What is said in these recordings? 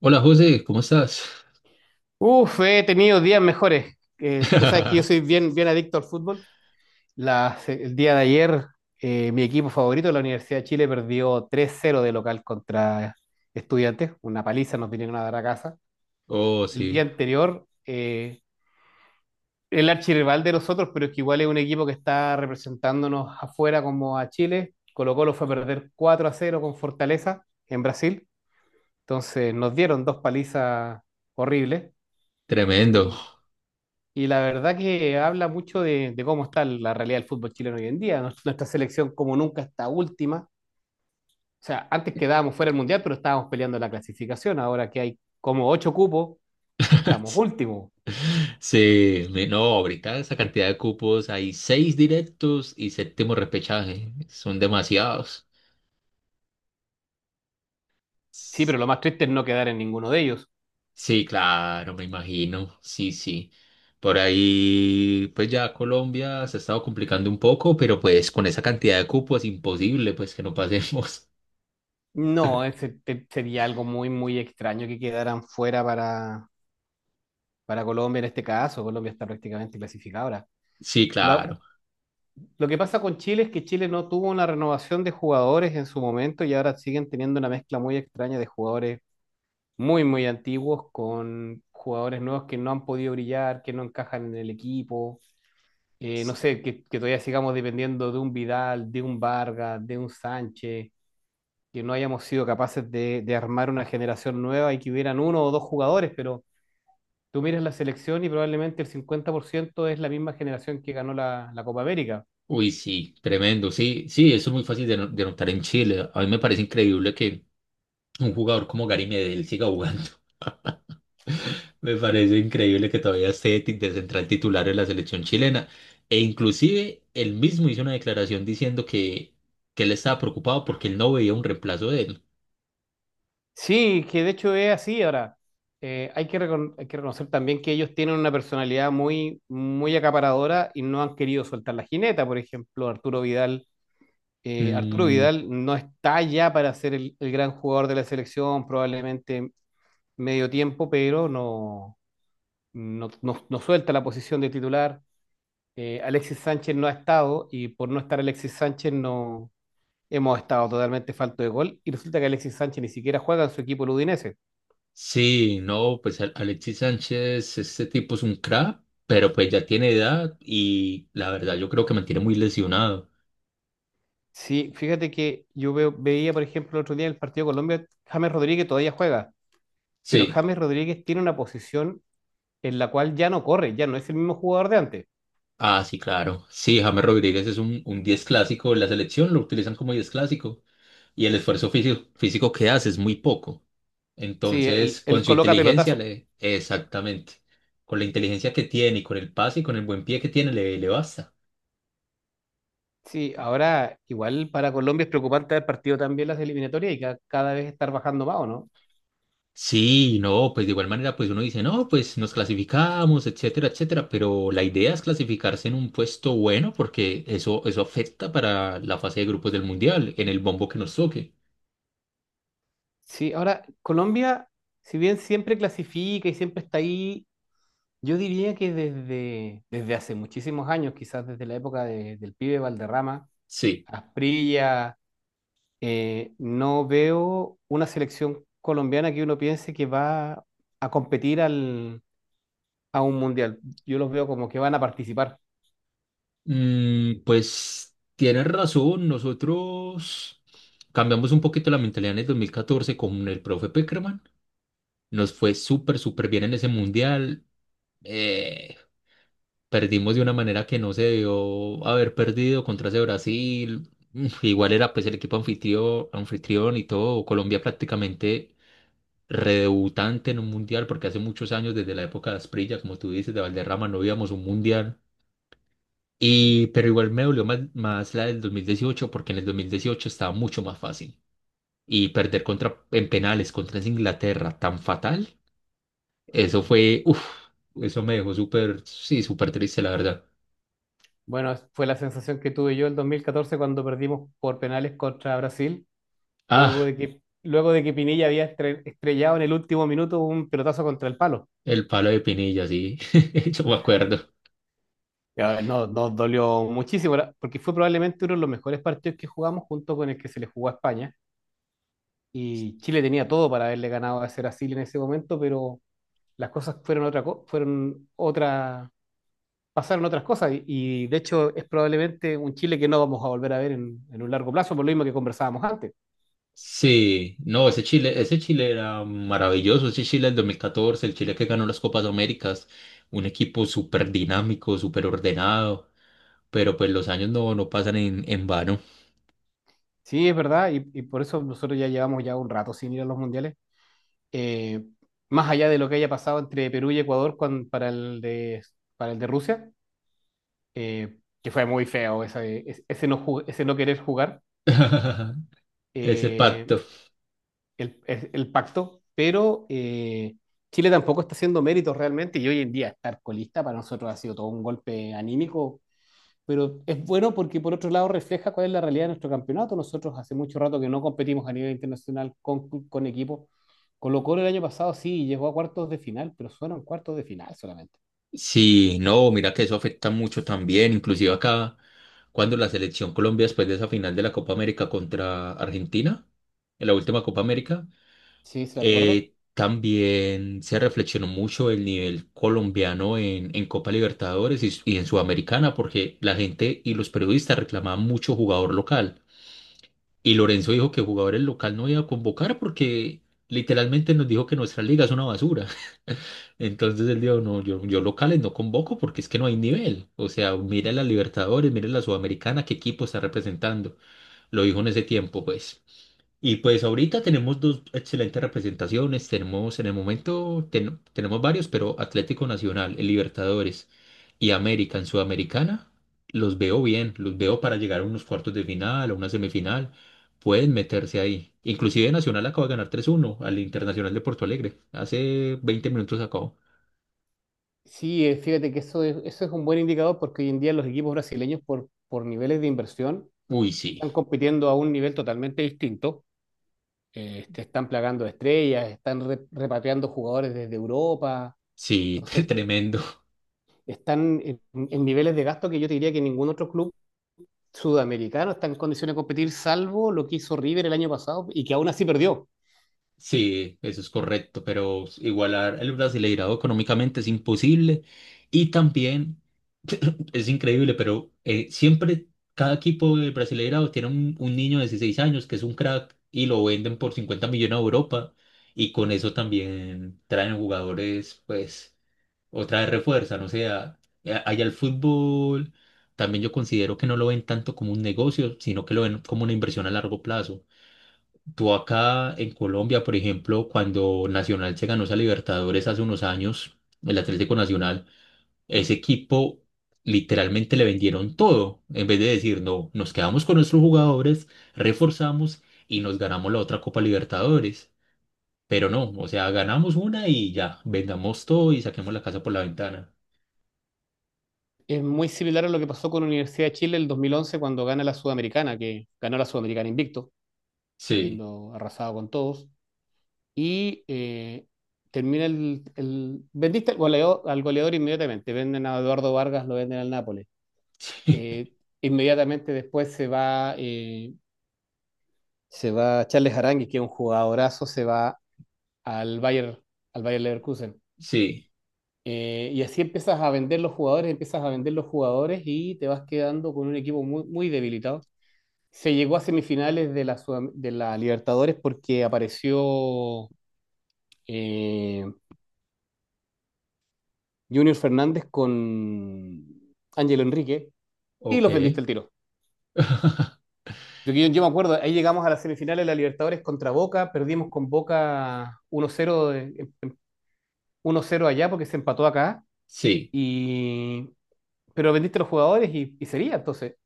Hola José, ¿cómo estás? Uf, he tenido días mejores. Tú sabes que yo soy bien, bien adicto al fútbol. El día de ayer, mi equipo favorito, la Universidad de Chile, perdió 3-0 de local contra Estudiantes. Una paliza nos vinieron a dar a casa. Oh, El día sí, anterior, el archirrival de nosotros, pero es que igual es un equipo que está representándonos afuera como a Chile. Colo-Colo fue a perder 4-0 con Fortaleza en Brasil. Entonces nos dieron dos palizas horribles. tremendo. Y la verdad que habla mucho de cómo está la realidad del fútbol chileno hoy en día. Nuestra selección como nunca está última. O sea, antes quedábamos fuera del Mundial, pero estábamos peleando la clasificación. Ahora que hay como ocho cupos, estamos últimos. Sí, no, ahorita esa cantidad de cupos, hay seis directos y séptimo repechaje, son demasiados. Sí, S- pero lo más triste es no quedar en ninguno de ellos. Sí, claro, me imagino, sí, sí. Por ahí, pues ya Colombia se ha estado complicando un poco, pero pues con esa cantidad de cupos imposible, pues que no pasemos. No, sería algo muy, muy extraño que quedaran fuera para Colombia en este caso. Colombia está prácticamente clasificada ahora. Sí, La, claro. Lo que pasa con Chile es que Chile no tuvo una renovación de jugadores en su momento y ahora siguen teniendo una mezcla muy extraña de jugadores muy, muy antiguos con jugadores nuevos que no han podido brillar, que no encajan en el equipo. No sé, que todavía sigamos dependiendo de un Vidal, de un Vargas, de un Sánchez, que no hayamos sido capaces de armar una generación nueva y que hubieran uno o dos jugadores, pero tú miras la selección y probablemente el 50% es la misma generación que ganó la Copa América. Uy, sí, tremendo. Sí, sí, eso es muy fácil de, no- de notar en Chile. A mí me parece increíble que un jugador como Gary Medel siga jugando. Me parece increíble que todavía esté de central titular en la selección chilena. E inclusive él mismo hizo una declaración diciendo que él estaba preocupado porque él no veía un reemplazo de él. Sí, que de hecho es así. Ahora, hay que reconocer también que ellos tienen una personalidad muy, muy acaparadora y no han querido soltar la jineta. Por ejemplo, Arturo Vidal, Arturo Mm, Vidal no está ya para ser el gran jugador de la selección, probablemente medio tiempo, pero no suelta la posición de titular. Alexis Sánchez no ha estado y por no estar Alexis Sánchez no hemos estado totalmente falto de gol y resulta que Alexis Sánchez ni siquiera juega en su equipo el Udinese. sí, no, pues Alexis Sánchez, este tipo es un crack, pero pues ya tiene edad y la verdad yo creo que mantiene muy lesionado. Sí, fíjate que yo veía, por ejemplo, el otro día en el partido de Colombia, James Rodríguez todavía juega, pero Sí. James Rodríguez tiene una posición en la cual ya no corre, ya no es el mismo jugador de antes. Ah, sí, claro. Sí, James Rodríguez es un 10 clásico de la selección, lo utilizan como 10 clásico y el esfuerzo físico que hace es muy poco. Sí, Entonces, él, con él su coloca inteligencia, pelotazos. Exactamente, con la inteligencia que tiene y con el pase y con el buen pie que tiene, le basta. Sí, ahora igual para Colombia es preocupante haber partido también las eliminatorias y cada vez estar bajando más, ¿o no? Sí, no, pues de igual manera, pues uno dice, no, pues nos clasificamos, etcétera, etcétera, pero la idea es clasificarse en un puesto bueno porque eso afecta para la fase de grupos del Mundial, en el bombo que nos toque. Sí, ahora Colombia, si bien siempre clasifica y siempre está ahí, yo diría que desde hace muchísimos años, quizás desde la época del pibe Valderrama, Sí. Asprilla. No veo una selección colombiana que uno piense que va a competir a un mundial. Yo los veo como que van a participar. Pues tienes razón, nosotros cambiamos un poquito la mentalidad en el 2014, con el profe Peckerman. Nos fue súper, súper bien en ese mundial. Eh, perdimos de una manera que no se debió haber perdido contra ese Brasil. Igual era pues el equipo anfitrión y todo. Colombia prácticamente redebutante en un mundial porque hace muchos años, desde la época de Asprilla, como tú dices, de Valderrama, no íbamos a un mundial. Y, pero igual me dolió más, más la del 2018 porque en el 2018 estaba mucho más fácil. Y perder contra, en penales contra esa Inglaterra tan fatal, eso fue, uff, eso me dejó súper, sí, súper triste, la verdad. Bueno, fue la sensación que tuve yo el 2014 cuando perdimos por penales contra Brasil, luego Ah, de que, luego de que Pinilla había estrellado en el último minuto un pelotazo contra el palo. el palo de Pinilla, sí, yo me acuerdo. Y, no, nos dolió muchísimo, porque fue probablemente uno de los mejores partidos que jugamos junto con el que se le jugó a España. Y Chile tenía todo para haberle ganado a ese Brasil en ese momento, pero las cosas fueron otra, pasaron otras cosas y, de hecho es probablemente un Chile que no vamos a volver a ver en, un largo plazo, por lo mismo que conversábamos antes. Sí, no, ese Chile era maravilloso, ese Chile del 2014, el Chile que ganó las Copas Américas, un equipo súper dinámico, súper ordenado, pero pues los años no pasan en vano. Sí, es verdad, y por eso nosotros ya llevamos ya un rato sin ir a los mundiales. Eh, Más allá de lo que haya pasado entre Perú y Ecuador para el de Rusia, que fue muy feo ese no querer jugar. Ese Eh, pacto. el pacto, pero Chile tampoco está haciendo méritos realmente y hoy en día estar colista para nosotros ha sido todo un golpe anímico, pero es bueno porque por otro lado refleja cuál es la realidad de nuestro campeonato. Nosotros hace mucho rato que no competimos a nivel internacional con, equipos. Colo-Colo el año pasado sí llegó a cuartos de final, pero fueron cuartos de final solamente. Sí, no, mira que eso afecta mucho también, inclusive acá, cuando la selección Colombia, después de esa final de la Copa América contra Argentina, en la última Copa América, Sí, se lo recuerdo. También se reflexionó mucho el nivel colombiano en Copa Libertadores y en Sudamericana, porque la gente y los periodistas reclamaban mucho jugador local. Y Lorenzo dijo que jugadores local no iba a convocar porque literalmente nos dijo que nuestra liga es una basura. Entonces él dijo, no, yo locales no convoco porque es que no hay nivel. O sea, mira la Libertadores, mira la Sudamericana, qué equipo está representando. Lo dijo en ese tiempo, pues. Y pues ahorita tenemos dos excelentes representaciones. Tenemos en el momento, tenemos varios, pero Atlético Nacional, el Libertadores y América en Sudamericana, los veo bien, los veo para llegar a unos cuartos de final, a una semifinal. Pueden meterse ahí. Inclusive Nacional acaba de ganar 3-1 al Internacional de Porto Alegre. Hace 20 minutos acabó. Sí, fíjate que eso es un buen indicador porque hoy en día los equipos brasileños por niveles de inversión Uy, sí, están compitiendo a un nivel totalmente distinto. Te están plagando de estrellas, están repatriando jugadores desde Europa. sí, Entonces, tremendo. están en niveles de gasto que yo te diría que ningún otro club sudamericano está en condiciones de competir, salvo lo que hizo River el año pasado y que aún así perdió. Sí, eso es correcto, pero igualar el brasileirado económicamente es imposible y también es increíble, pero siempre cada equipo del brasileirado tiene un niño de 16 años que es un crack y lo venden por 50 millones a Europa y con eso también traen jugadores, pues, otra vez refuerzan, o sea, allá el fútbol. También yo considero que no lo ven tanto como un negocio, sino que lo ven como una inversión a largo plazo. Tú acá en Colombia, por ejemplo, cuando Nacional se ganó esa Libertadores hace unos años, el Atlético Nacional, ese equipo literalmente le vendieron todo. En vez de decir, no, nos quedamos con nuestros jugadores, reforzamos y nos ganamos la otra Copa Libertadores. Pero no, o sea, ganamos una y ya, vendamos todo y saquemos la casa por la ventana. Es muy similar a lo que pasó con Universidad de Chile el 2011 cuando gana la Sudamericana, que ganó la Sudamericana invicto, Sí, habiendo arrasado con todos. Y vendiste al goleador inmediatamente. Venden a Eduardo Vargas, lo venden al Nápoles. Eh, Inmediatamente después se va, Charles Aránguiz, que es un jugadorazo, se va al Bayern, al Bayern Leverkusen. sí, Y así empiezas a vender los jugadores, empiezas a vender los jugadores y te vas quedando con un equipo muy, muy debilitado. Se llegó a semifinales de la Libertadores porque apareció eh, Junior Fernández con Ángel Enrique y ok. los vendiste el tiro. Yo me acuerdo, ahí llegamos a las semifinales de la Libertadores contra Boca, perdimos con Boca 1-0 1-0 allá porque se empató acá, Sí. y, pero vendiste a los jugadores y sería, entonces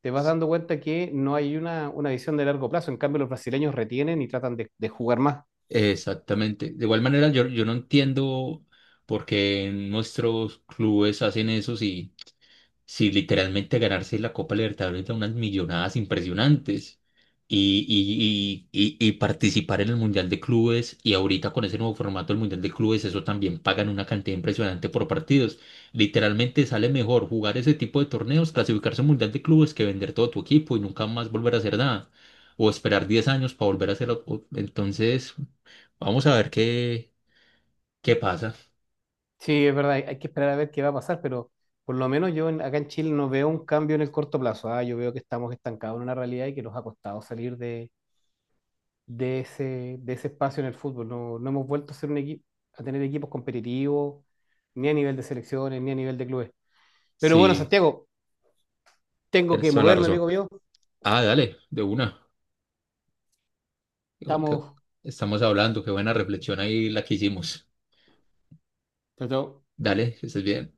te vas dando cuenta que no hay una visión de largo plazo, en cambio los brasileños retienen y tratan de jugar más. Exactamente. De igual manera, yo no entiendo por qué nuestros clubes hacen eso si literalmente ganarse la Copa Libertadores da unas millonadas impresionantes y, y participar en el Mundial de Clubes y ahorita con ese nuevo formato del Mundial de Clubes, eso también pagan una cantidad impresionante por partidos. Literalmente sale mejor jugar ese tipo de torneos, clasificarse al Mundial de Clubes que vender todo tu equipo y nunca más volver a hacer nada. O esperar 10 años para volver a hacerlo. Entonces, vamos a ver qué, qué pasa. Sí, es verdad, hay que esperar a ver qué va a pasar, pero por lo menos yo acá en Chile no veo un cambio en el corto plazo, yo veo que estamos estancados en una realidad y que nos ha costado salir de de ese espacio en el fútbol. No, no hemos vuelto a ser un equipo, a tener equipos competitivos, ni a nivel de selecciones, ni a nivel de clubes. Pero bueno, Sí, Santiago, tengo tienes que toda la moverme, amigo razón. mío. Ah, dale, de una. Digo, que Estamos. estamos hablando, qué buena reflexión ahí la que hicimos. Chao, chao. Dale, que estés bien.